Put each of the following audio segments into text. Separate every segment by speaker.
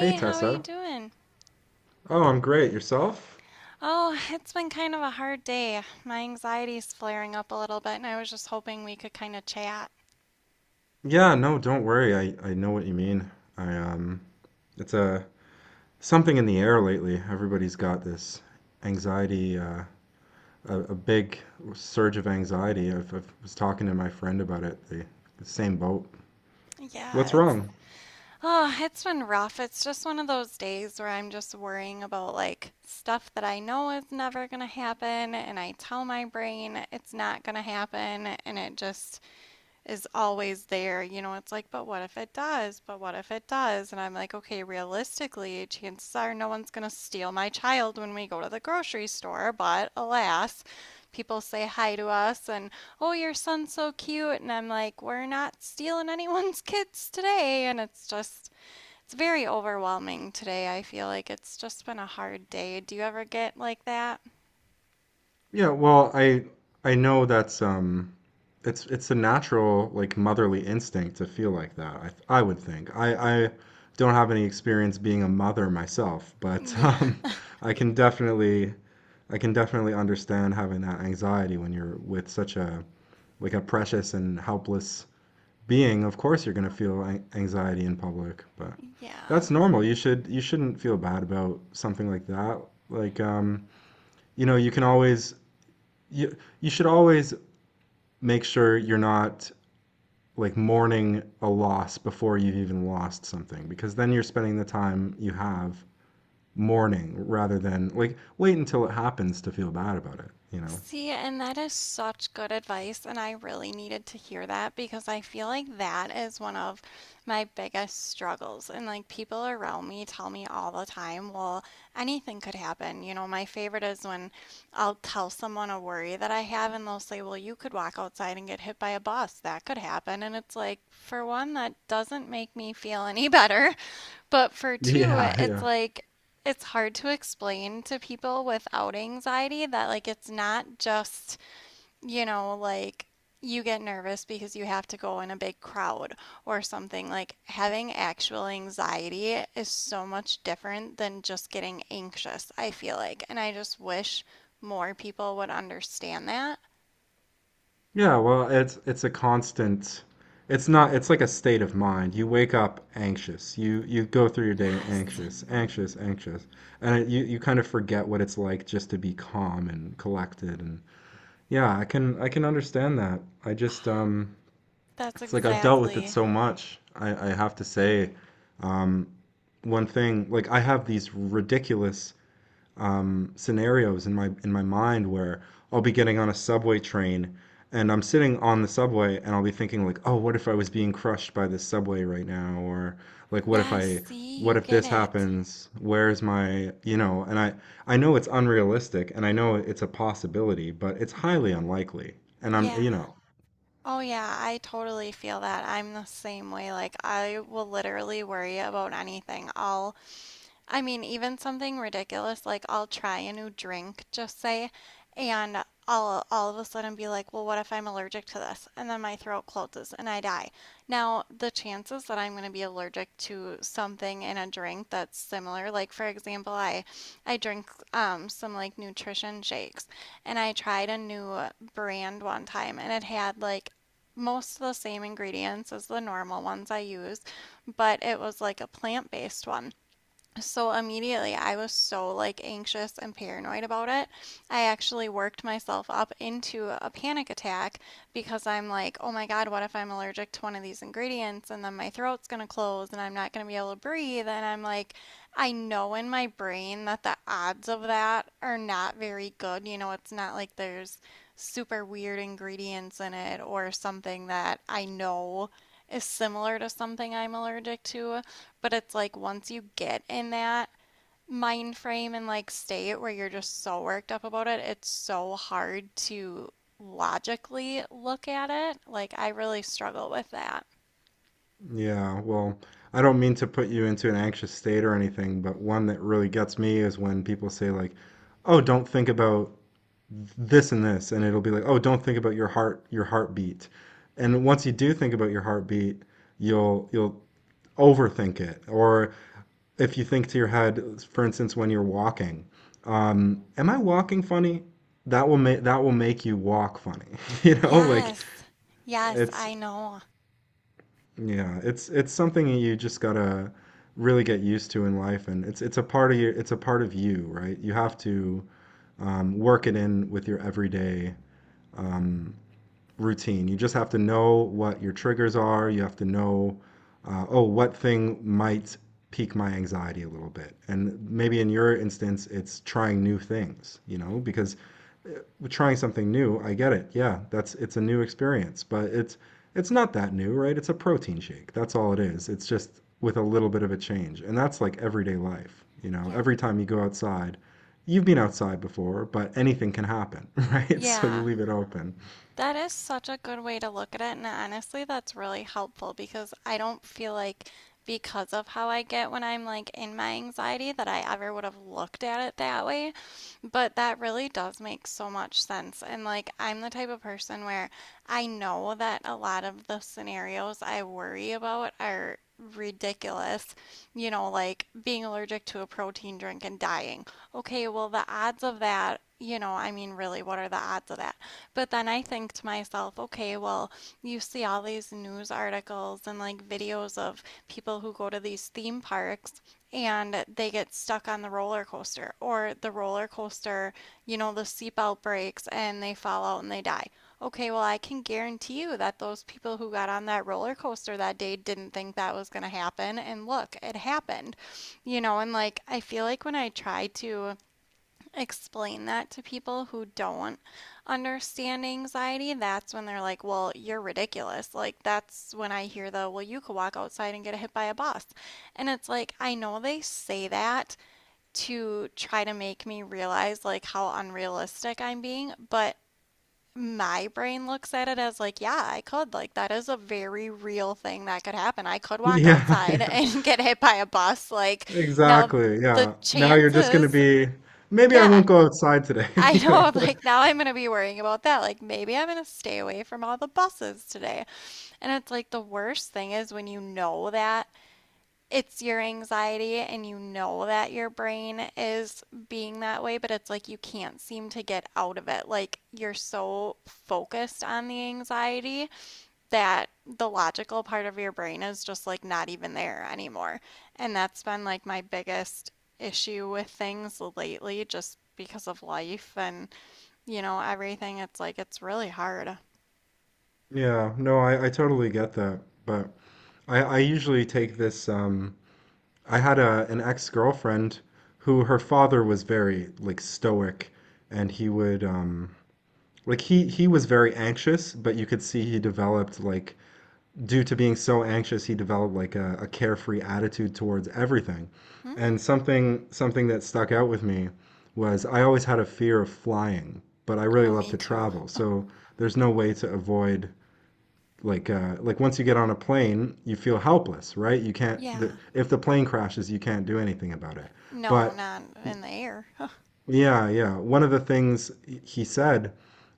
Speaker 1: Hey
Speaker 2: how are you
Speaker 1: Tessa.
Speaker 2: doing?
Speaker 1: Oh, I'm great. Yourself?
Speaker 2: Oh, it's been kind of a hard day. My anxiety's flaring up a little bit, and I was just hoping we could kind of chat.
Speaker 1: Yeah, no, don't worry. I know what you mean. I it's a Something in the air lately. Everybody's got this anxiety, a big surge of anxiety. I was talking to my friend about it. The same boat.
Speaker 2: Yeah,
Speaker 1: What's
Speaker 2: it's
Speaker 1: wrong?
Speaker 2: oh, it's been rough. It's just one of those days where I'm just worrying about like stuff that I know is never gonna happen, and I tell my brain it's not gonna happen, and it just is always there. You know, it's like, but what if it does? But what if it does? And I'm like, okay, realistically, chances are no one's going to steal my child when we go to the grocery store. But alas, people say hi to us and, oh, your son's so cute. And I'm like, we're not stealing anyone's kids today. And it's just, it's very overwhelming today. I feel like it's just been a hard day. Do you ever get like that?
Speaker 1: Yeah, well, I know that's it's a natural, like, motherly instinct to feel like that. I would think. I don't have any experience being a mother myself, but
Speaker 2: Yeah.
Speaker 1: I can definitely understand having that anxiety when you're with such a like a precious and helpless being. Of course you're going to feel an anxiety in public, but
Speaker 2: Yeah.
Speaker 1: that's normal. You shouldn't feel bad about something like that. Like, you know, you can always you should always make sure you're not like mourning a loss before you've even lost something, because then you're spending the time you have mourning rather than, like, wait until it happens to feel bad about it, you know?
Speaker 2: See, and that is such good advice, and I really needed to hear that because I feel like that is one of my biggest struggles. And like people around me tell me all the time, well, anything could happen. You know, my favorite is when I'll tell someone a worry that I have, and they'll say, well, you could walk outside and get hit by a bus. That could happen. And it's like, for one, that doesn't make me feel any better. But for two,
Speaker 1: Yeah,
Speaker 2: it's
Speaker 1: yeah.
Speaker 2: like it's hard to explain to people without anxiety that like it's not just, you know, like you get nervous because you have to go in a big crowd or something. Like having actual anxiety is so much different than just getting anxious, I feel like. And I just wish more people would understand that.
Speaker 1: Yeah, well, it's a constant. It's not It's like a state of mind. You wake up anxious. You go through your day
Speaker 2: Yes,
Speaker 1: anxious, anxious, anxious. And it, you kind of forget what it's like just to be calm and collected, and yeah, I can understand that. I just
Speaker 2: that's
Speaker 1: It's like I've dealt with it
Speaker 2: exactly.
Speaker 1: so much. I have to say, um, one thing, like, I have these ridiculous scenarios in my mind where I'll be getting on a subway train, and I'm sitting on the subway, and I'll be thinking like, oh, what if I was being crushed by this subway right now? Or like,
Speaker 2: Yes, see, you
Speaker 1: what if
Speaker 2: get
Speaker 1: this
Speaker 2: it.
Speaker 1: happens? Where's my, you know, and I know it's unrealistic, and I know it's a possibility, but it's highly unlikely. And I'm,
Speaker 2: Yeah.
Speaker 1: you know,
Speaker 2: Oh yeah, I totally feel that. I'm the same way. Like I will literally worry about anything. I'll I mean, even something ridiculous like I'll try a new drink, just say, and I'll all of a sudden be like, well, what if I'm allergic to this? And then my throat closes and I die. Now, the chances that I'm going to be allergic to something in a drink that's similar, like for example, I drink some like nutrition shakes, and I tried a new brand one time, and it had like most of the same ingredients as the normal ones I use, but it was like a plant-based one. So immediately, I was so like anxious and paranoid about it. I actually worked myself up into a panic attack because I'm like, oh my God, what if I'm allergic to one of these ingredients and then my throat's gonna close and I'm not gonna be able to breathe? And I'm like, I know in my brain that the odds of that are not very good. You know, it's not like there's super weird ingredients in it or something that I know is similar to something I'm allergic to. But it's like once you get in that mind frame and like state where you're just so worked up about it, it's so hard to logically look at it. Like I really struggle with that.
Speaker 1: yeah, well, I don't mean to put you into an anxious state or anything, but one that really gets me is when people say like, "Oh, don't think about this and this," and it'll be like, "Oh, don't think about your heart, your heartbeat." And once you do think about your heartbeat, you'll overthink it. Or if you think to your head, for instance, when you're walking, "Am I walking funny?" That will make you walk funny. You know,
Speaker 2: Yes. Yes,
Speaker 1: it's
Speaker 2: I know.
Speaker 1: Yeah, it's something you just gotta really get used to in life, and it's a part of your it's a part of you, right? You have to, work it in with your everyday um, routine. You just have to know what your triggers are. You have to know, oh, what thing might pique my anxiety a little bit, and maybe in your instance, it's trying new things, you know, because trying something new. I get it. Yeah, that's it's a new experience, but it's not that new, right? It's a protein shake. That's all it is. It's just with a little bit of a change. And that's like everyday life, you know.
Speaker 2: Yeah.
Speaker 1: Every time you go outside, you've been outside before, but anything can happen, right? So you
Speaker 2: Yeah.
Speaker 1: leave it open.
Speaker 2: That is such a good way to look at it. And honestly, that's really helpful because I don't feel like because of how I get when I'm like in my anxiety that I ever would have looked at it that way. But that really does make so much sense. And like, I'm the type of person where I know that a lot of the scenarios I worry about are ridiculous. You know, like being allergic to a protein drink and dying. Okay, well, the odds of that, you know, I mean, really, what are the odds of that? But then I think to myself, okay, well, you see all these news articles and like videos of people who go to these theme parks and they get stuck on the roller coaster, or the roller coaster, you know, the seatbelt breaks and they fall out and they die. Okay, well, I can guarantee you that those people who got on that roller coaster that day didn't think that was going to happen. And look, it happened, you know, and like I feel like when I try to explain that to people who don't understand anxiety, that's when they're like, well, you're ridiculous. Like, that's when I hear the, well, you could walk outside and get hit by a bus. And it's like, I know they say that to try to make me realize like how unrealistic I'm being, but my brain looks at it as like, yeah, I could. Like, that is a very real thing that could happen. I could walk
Speaker 1: Yeah,
Speaker 2: outside
Speaker 1: yeah.
Speaker 2: and get hit by a bus. Like, now
Speaker 1: Exactly.
Speaker 2: the
Speaker 1: Yeah. Now you're just going to
Speaker 2: chances,
Speaker 1: be maybe I
Speaker 2: yeah.
Speaker 1: won't go outside today,
Speaker 2: I
Speaker 1: you
Speaker 2: know,
Speaker 1: know.
Speaker 2: I'm like, now I'm gonna be worrying about that. Like, maybe I'm gonna stay away from all the buses today. And it's like the worst thing is when you know that it's your anxiety and you know that your brain is being that way, but it's like you can't seem to get out of it. Like, you're so focused on the anxiety that the logical part of your brain is just like not even there anymore. And that's been like my biggest issue with things lately, just because of life and you know, everything. It's like it's really hard.
Speaker 1: Yeah, no, I totally get that. But I usually take this, I had a an ex-girlfriend who, her father was very like stoic, and he would like he was very anxious, but you could see he developed, like, due to being so anxious, he developed like a carefree attitude towards everything.
Speaker 2: Mm.
Speaker 1: And something that stuck out with me was I always had a fear of flying, but I really
Speaker 2: Oh,
Speaker 1: love
Speaker 2: me
Speaker 1: to
Speaker 2: too.
Speaker 1: travel. So there's no way to avoid like, like, once you get on a plane, you feel helpless, right? You can't the,
Speaker 2: Yeah.
Speaker 1: If the plane crashes, you can't do anything about it.
Speaker 2: No,
Speaker 1: But
Speaker 2: not in the air.
Speaker 1: yeah, yeah. One of the things he said,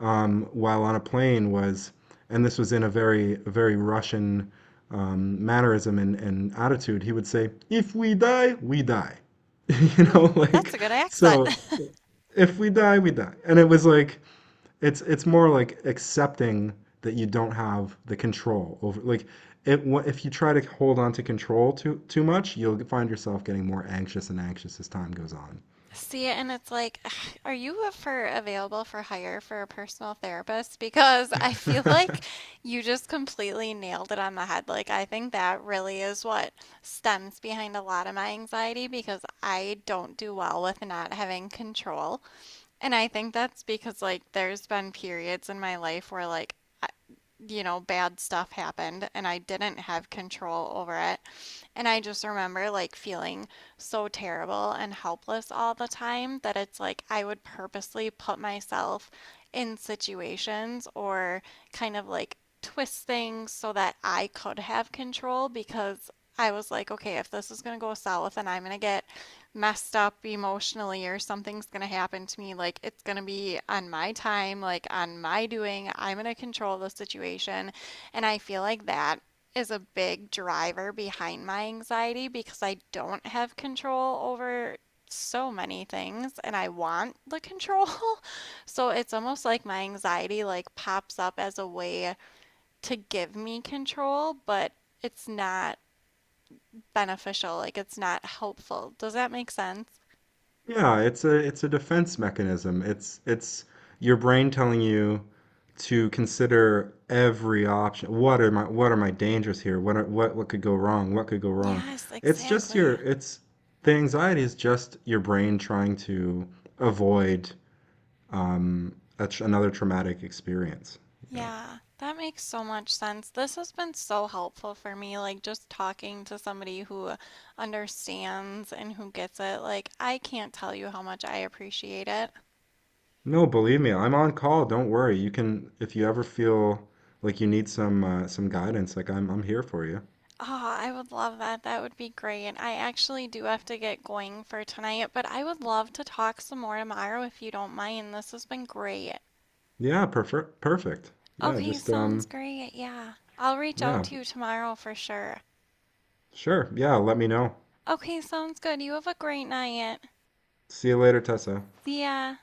Speaker 1: while on a plane, was, and this was in a very very Russian mannerism and attitude. He would say, "If we die, we die," you
Speaker 2: Mm,
Speaker 1: know,
Speaker 2: that's a good accent.
Speaker 1: so. If we die, we die, and it was like it's more like accepting that you don't have the control over like it, if you try to hold on to control too much, you'll find yourself getting more anxious and anxious as time goes on.
Speaker 2: See, and it's like, are you for available for hire for a personal therapist? Because I feel like you just completely nailed it on the head. Like, I think that really is what stems behind a lot of my anxiety because I don't do well with not having control. And I think that's because, like, there's been periods in my life where, like, you know, bad stuff happened and I didn't have control over it. And I just remember like feeling so terrible and helpless all the time that it's like I would purposely put myself in situations or kind of like twist things so that I could have control because I was like, okay, if this is going to go south and I'm going to get messed up emotionally or something's going to happen to me, like it's going to be on my time, like on my doing. I'm going to control the situation. And I feel like that is a big driver behind my anxiety because I don't have control over so many things and I want the control. So it's almost like my anxiety like pops up as a way to give me control, but it's not beneficial, like it's not helpful. Does that make sense?
Speaker 1: Yeah, it's a defense mechanism. it's your brain telling you to consider every option. What are my dangers here? What could go wrong? What could go wrong?
Speaker 2: Yes, exactly.
Speaker 1: It's the anxiety is just your brain trying to avoid, a tr another traumatic experience, you know.
Speaker 2: Yeah, that makes so much sense. This has been so helpful for me, like just talking to somebody who understands and who gets it. Like, I can't tell you how much I appreciate it.
Speaker 1: No, believe me, I'm on call. Don't worry. You can, if you ever feel like you need some, some guidance, like, I'm here for you.
Speaker 2: Oh, I would love that. That would be great. I actually do have to get going for tonight, but I would love to talk some more tomorrow if you don't mind. This has been great.
Speaker 1: Yeah, prefer perfect. Yeah,
Speaker 2: Okay,
Speaker 1: just
Speaker 2: sounds great. Yeah, I'll reach out
Speaker 1: yeah,
Speaker 2: to you tomorrow for sure.
Speaker 1: sure. Yeah, let me know.
Speaker 2: Okay, sounds good. You have a great night.
Speaker 1: See you later, Tessa.
Speaker 2: See ya.